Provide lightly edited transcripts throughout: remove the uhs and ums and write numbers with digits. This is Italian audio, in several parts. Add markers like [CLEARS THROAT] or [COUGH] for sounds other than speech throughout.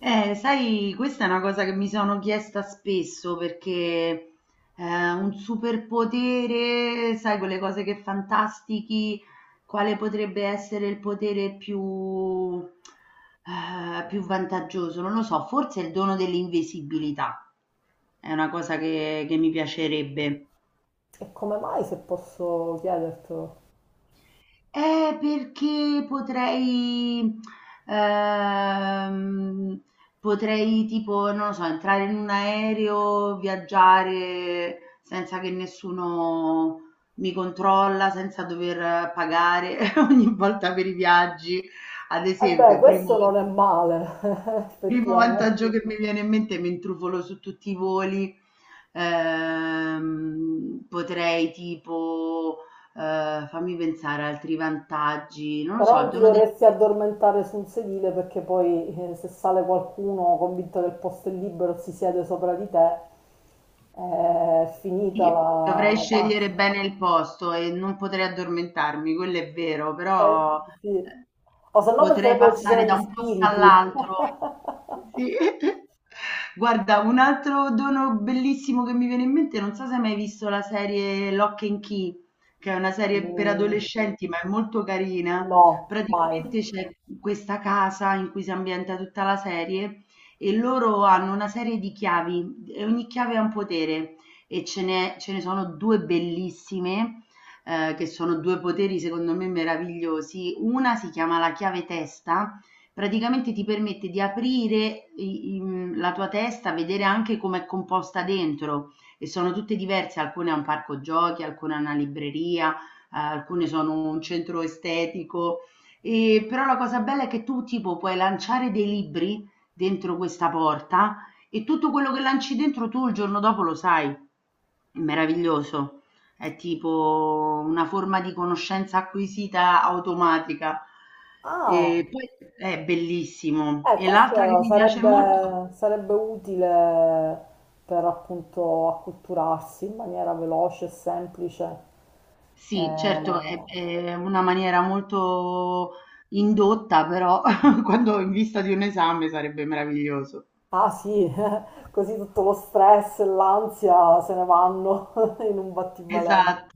Sai, questa è una cosa che mi sono chiesta spesso perché un superpotere, sai, quelle cose che fantastichi, quale potrebbe essere il potere più, più vantaggioso? Non lo so, forse il dono dell'invisibilità è una cosa che mi piacerebbe. E come mai, se posso chiedertelo? Perché potrei ehm, potrei tipo, non lo so, entrare in un aereo, viaggiare senza che nessuno mi controlla, senza dover pagare [LAUGHS] ogni volta per i viaggi. Ad Eh beh, esempio, primo... questo non è male, [LAUGHS] Primo vantaggio effettivamente. che mi viene in mente, mi intrufolo su tutti i voli, potrei tipo, fammi pensare altri vantaggi, non lo so, Però il non ti dono degli. dovresti addormentare su un sedile perché poi se sale qualcuno convinto che il posto è libero si siede sopra di te, è finita Sì, la, dovrei la scegliere pazza. bene il posto e non potrei addormentarmi, quello è vero, Eh, però sì. eh, O se no potrei penserebbero che ci passare sono da gli un posto spiriti. [LAUGHS] all'altro. Sì. [LAUGHS] Guarda, un altro dono bellissimo che mi viene in mente, non so se hai mai visto la serie Lock and Key, che è una serie per Mm, adolescenti, ma è molto carina. no, mai. Praticamente c'è questa casa in cui si ambienta tutta la serie e loro hanno una serie di chiavi e ogni chiave ha un potere e ce ne sono 2 bellissime, che sono 2 poteri secondo me meravigliosi. Una si chiama la chiave testa, praticamente ti permette di aprire i mhmm, la tua testa, vedere anche com'è composta dentro e sono tutte diverse, alcune ha un parco giochi, alcune ha una libreria, alcune sono un centro estetico, però la cosa bella è che tu tipo puoi lanciare dei libri dentro questa porta e tutto quello che lanci dentro tu il giorno dopo lo sai. È meraviglioso, è tipo una forma di conoscenza acquisita automatica. Ah, E poi è bellissimo. eh, E l'altra che questo mi piace molto, sarebbe utile per appunto acculturarsi in maniera veloce e semplice. sì, certo, Eh, è una maniera molto indotta, però [LAUGHS] quando in vista di un esame sarebbe meraviglioso. ah sì, [LAUGHS] così tutto lo stress e l'ansia se ne vanno [LAUGHS] in un battibaleno. Esatto.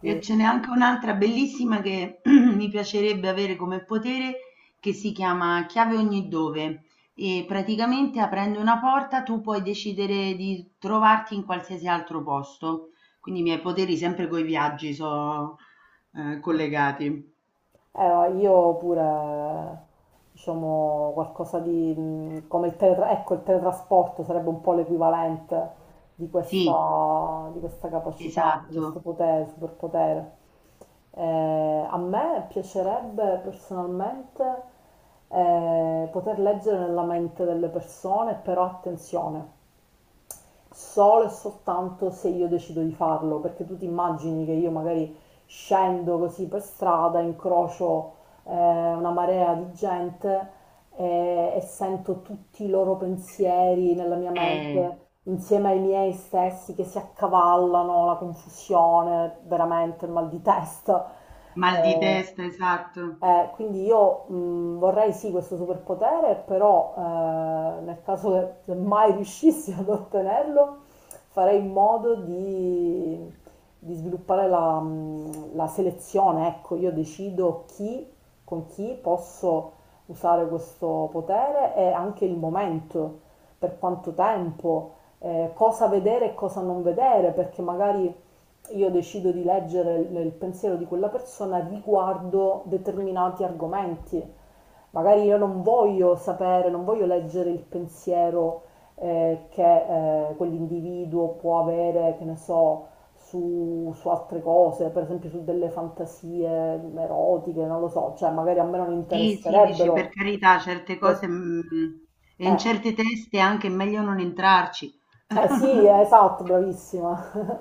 E ce n'è anche un'altra bellissima che [CLEARS THROAT] mi piacerebbe avere come potere, che si chiama Chiave ogni dove. E praticamente aprendo una porta tu puoi decidere di trovarti in qualsiasi altro posto. Quindi i miei poteri sempre coi viaggi sono collegati. Io pure, diciamo, qualcosa di come il ecco, il teletrasporto sarebbe un po' l'equivalente di Sì, questa capacità, di questo esatto. potere, superpotere. A me piacerebbe personalmente poter leggere nella mente delle persone, però attenzione solo e soltanto se io decido di farlo, perché tu ti immagini che io magari scendo così per strada, incrocio eh, una marea di gente e sento tutti i loro pensieri nella mia Eh, mente insieme ai miei stessi che si accavallano, la confusione, veramente il mal di testa. mal di Eh, testa, esatto. Quindi io vorrei sì questo superpotere, però nel caso che se mai riuscissi [LAUGHS] ad ottenerlo, farei in modo di sviluppare la, la selezione. Ecco, io decido chi, con chi posso usare questo potere e anche il momento, per quanto tempo, cosa vedere e cosa non vedere, perché magari io decido di leggere il pensiero di quella persona riguardo determinati argomenti. Magari io non voglio sapere, non voglio leggere il pensiero che quell'individuo può avere, che ne so, su altre cose, per esempio su delle fantasie erotiche, non lo so, cioè magari a me non Sì, sì, dici per interesserebbero. carità, certe cose Eh, mm, e in certe teste è anche meglio non entrarci. eh sì, [LAUGHS] esatto, bravissima.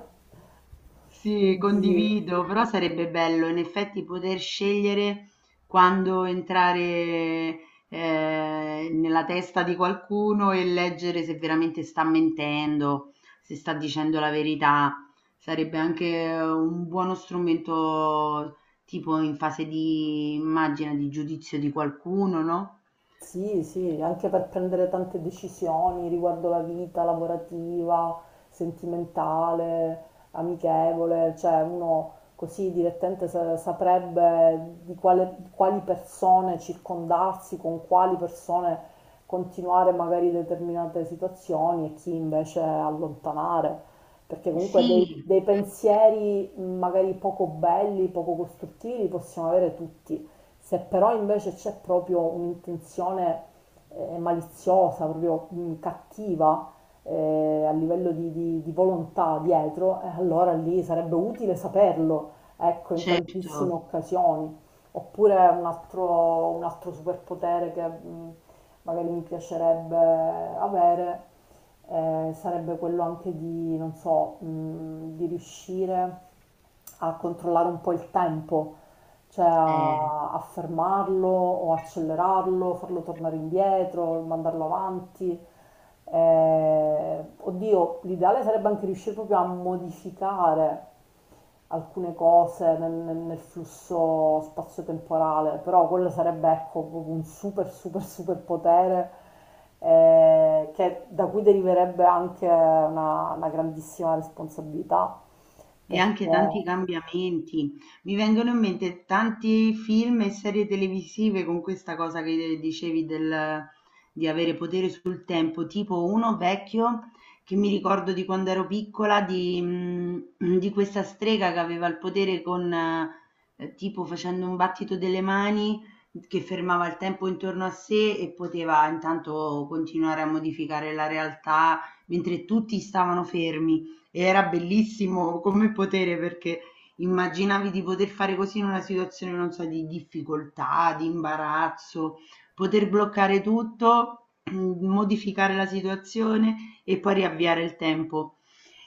[LAUGHS] Sì, Quindi... condivido, però sarebbe bello in effetti poter scegliere quando entrare nella testa di qualcuno e leggere se veramente sta mentendo, se sta dicendo la verità. Sarebbe anche un buono strumento tipo in fase di, immagina, di giudizio di qualcuno, no? Sì, sì, anche per prendere tante decisioni riguardo la vita lavorativa, sentimentale, amichevole, cioè uno così direttamente saprebbe di di quali persone circondarsi, con quali persone continuare magari determinate situazioni e chi invece allontanare, perché comunque Sì, dei pensieri magari poco belli, poco costruttivi li possiamo avere tutti. Se però invece c'è proprio un'intenzione maliziosa, proprio cattiva a livello di, di volontà dietro, allora lì sarebbe utile saperlo, ecco, in tantissime certo. occasioni. Oppure un altro superpotere che magari mi piacerebbe avere sarebbe quello anche di, non so, di riuscire a controllare un po' il tempo cioè a fermarlo o accelerarlo, farlo tornare indietro, mandarlo avanti. Oddio, l'ideale sarebbe anche riuscire proprio a modificare alcune cose nel flusso spazio-temporale, però quello sarebbe ecco proprio un super super super potere che, da cui deriverebbe anche una grandissima responsabilità, E perché anche tanti cambiamenti. Mi vengono in mente tanti film e serie televisive con questa cosa che dicevi del, di avere potere sul tempo, tipo uno vecchio che mi ricordo di quando ero piccola, di, mm, di questa strega che aveva il potere con, tipo facendo un battito delle mani, che fermava il tempo intorno a sé e poteva intanto continuare a modificare la realtà mentre tutti stavano fermi e era bellissimo come potere perché immaginavi di poter fare così in una situazione, non so, di difficoltà, di imbarazzo, poter bloccare tutto, mm, modificare la situazione e poi riavviare il tempo.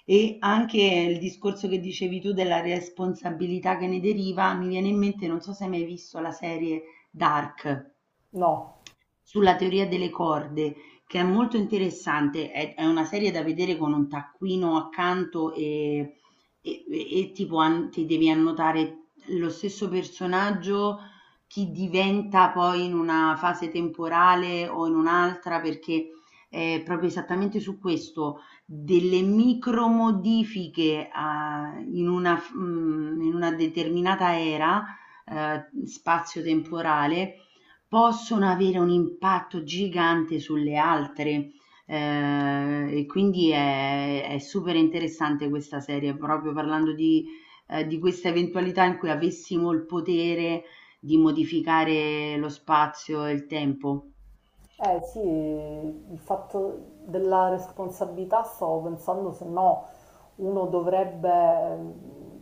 E anche il discorso che dicevi tu della responsabilità che ne deriva, mi viene in mente, non so se hai mai visto la serie Dark no. sulla teoria delle corde che è molto interessante, è una serie da vedere con un taccuino accanto e, e tipo ti devi annotare lo stesso personaggio, chi diventa poi in una fase temporale o in un'altra, perché è proprio esattamente su questo, delle micro modifiche in una, mm, in una determinata era spazio-temporale possono avere un impatto gigante sulle altre. E quindi è super interessante questa serie, proprio parlando di questa eventualità in cui avessimo il potere di modificare lo spazio e il tempo. Eh sì, il fatto della responsabilità stavo pensando se no uno dovrebbe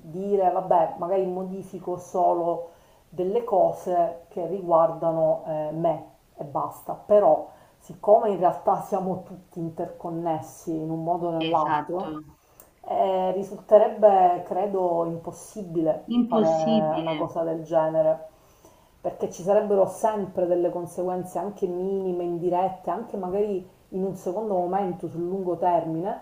dire vabbè, magari modifico solo delle cose che riguardano me e basta, però siccome in realtà siamo tutti interconnessi in un modo o Esatto, nell'altro, risulterebbe, credo, impossibile fare una impossibile. cosa del genere, perché ci sarebbero sempre delle conseguenze anche minime, indirette, anche magari in un secondo momento, sul lungo termine,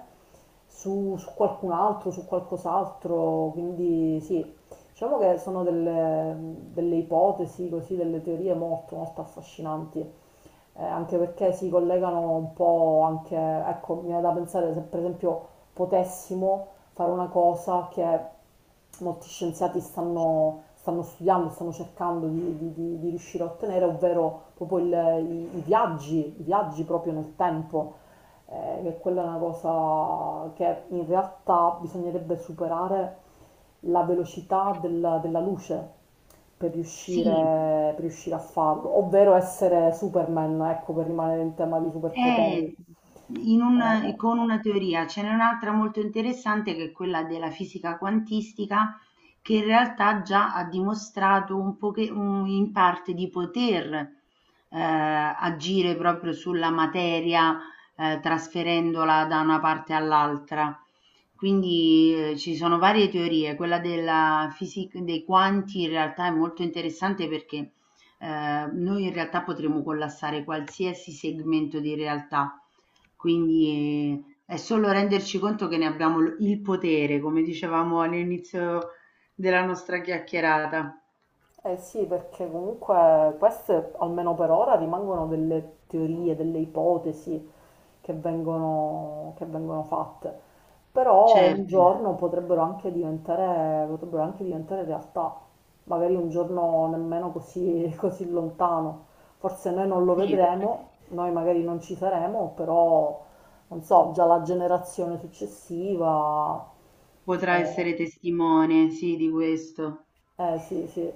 su, su qualcun altro, su qualcos'altro, quindi sì, diciamo che sono delle, delle ipotesi, così, delle teorie molto, molto affascinanti anche perché si collegano un po' anche, ecco, mi viene da pensare se per esempio potessimo fare una cosa che molti scienziati stanno, stanno studiando, stanno cercando di, di riuscire a ottenere, ovvero proprio i, i viaggi proprio nel tempo che quella è una cosa che in realtà bisognerebbe superare la velocità della luce per riuscire, Sì, per riuscire a farlo, ovvero essere Superman, ecco, per rimanere in tema di è superpoteri. in una- Eh, con una teoria. Ce n'è un'altra molto interessante che è quella della fisica quantistica, che in realtà già ha dimostrato un in parte di poter agire proprio sulla materia trasferendola da una parte all'altra. Quindi ci sono varie teorie, quella della fisica dei quanti in realtà è molto interessante perché noi in realtà potremmo collassare qualsiasi segmento di realtà, quindi è solo renderci conto che ne abbiamo il potere, come dicevamo all'inizio della nostra chiacchierata, Eh sì, perché comunque queste, almeno per ora, rimangono delle teorie, delle ipotesi che vengono fatte. Però un certo, giorno potrebbero anche diventare realtà, magari un giorno nemmeno così, [LAUGHS] così lontano. Forse noi non lo sì, vedremo, noi magari non ci saremo, però non so, già la generazione successiva... potrà eh, essere testimone, sì, di questo. eh sì, sì,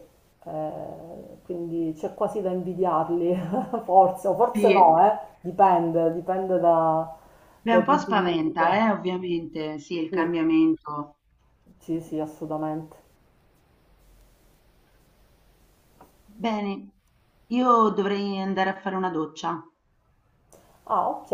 eh, quindi c'è quasi da invidiarli, [LAUGHS] forse, o forse Sì, no, eh. Dipende, dipende beh, dai un po' punti di spaventa, vista. Ovviamente, sì, il Sì, cambiamento. sì, sì, assolutamente. Bene, io dovrei andare a fare una doccia. Ah, ok.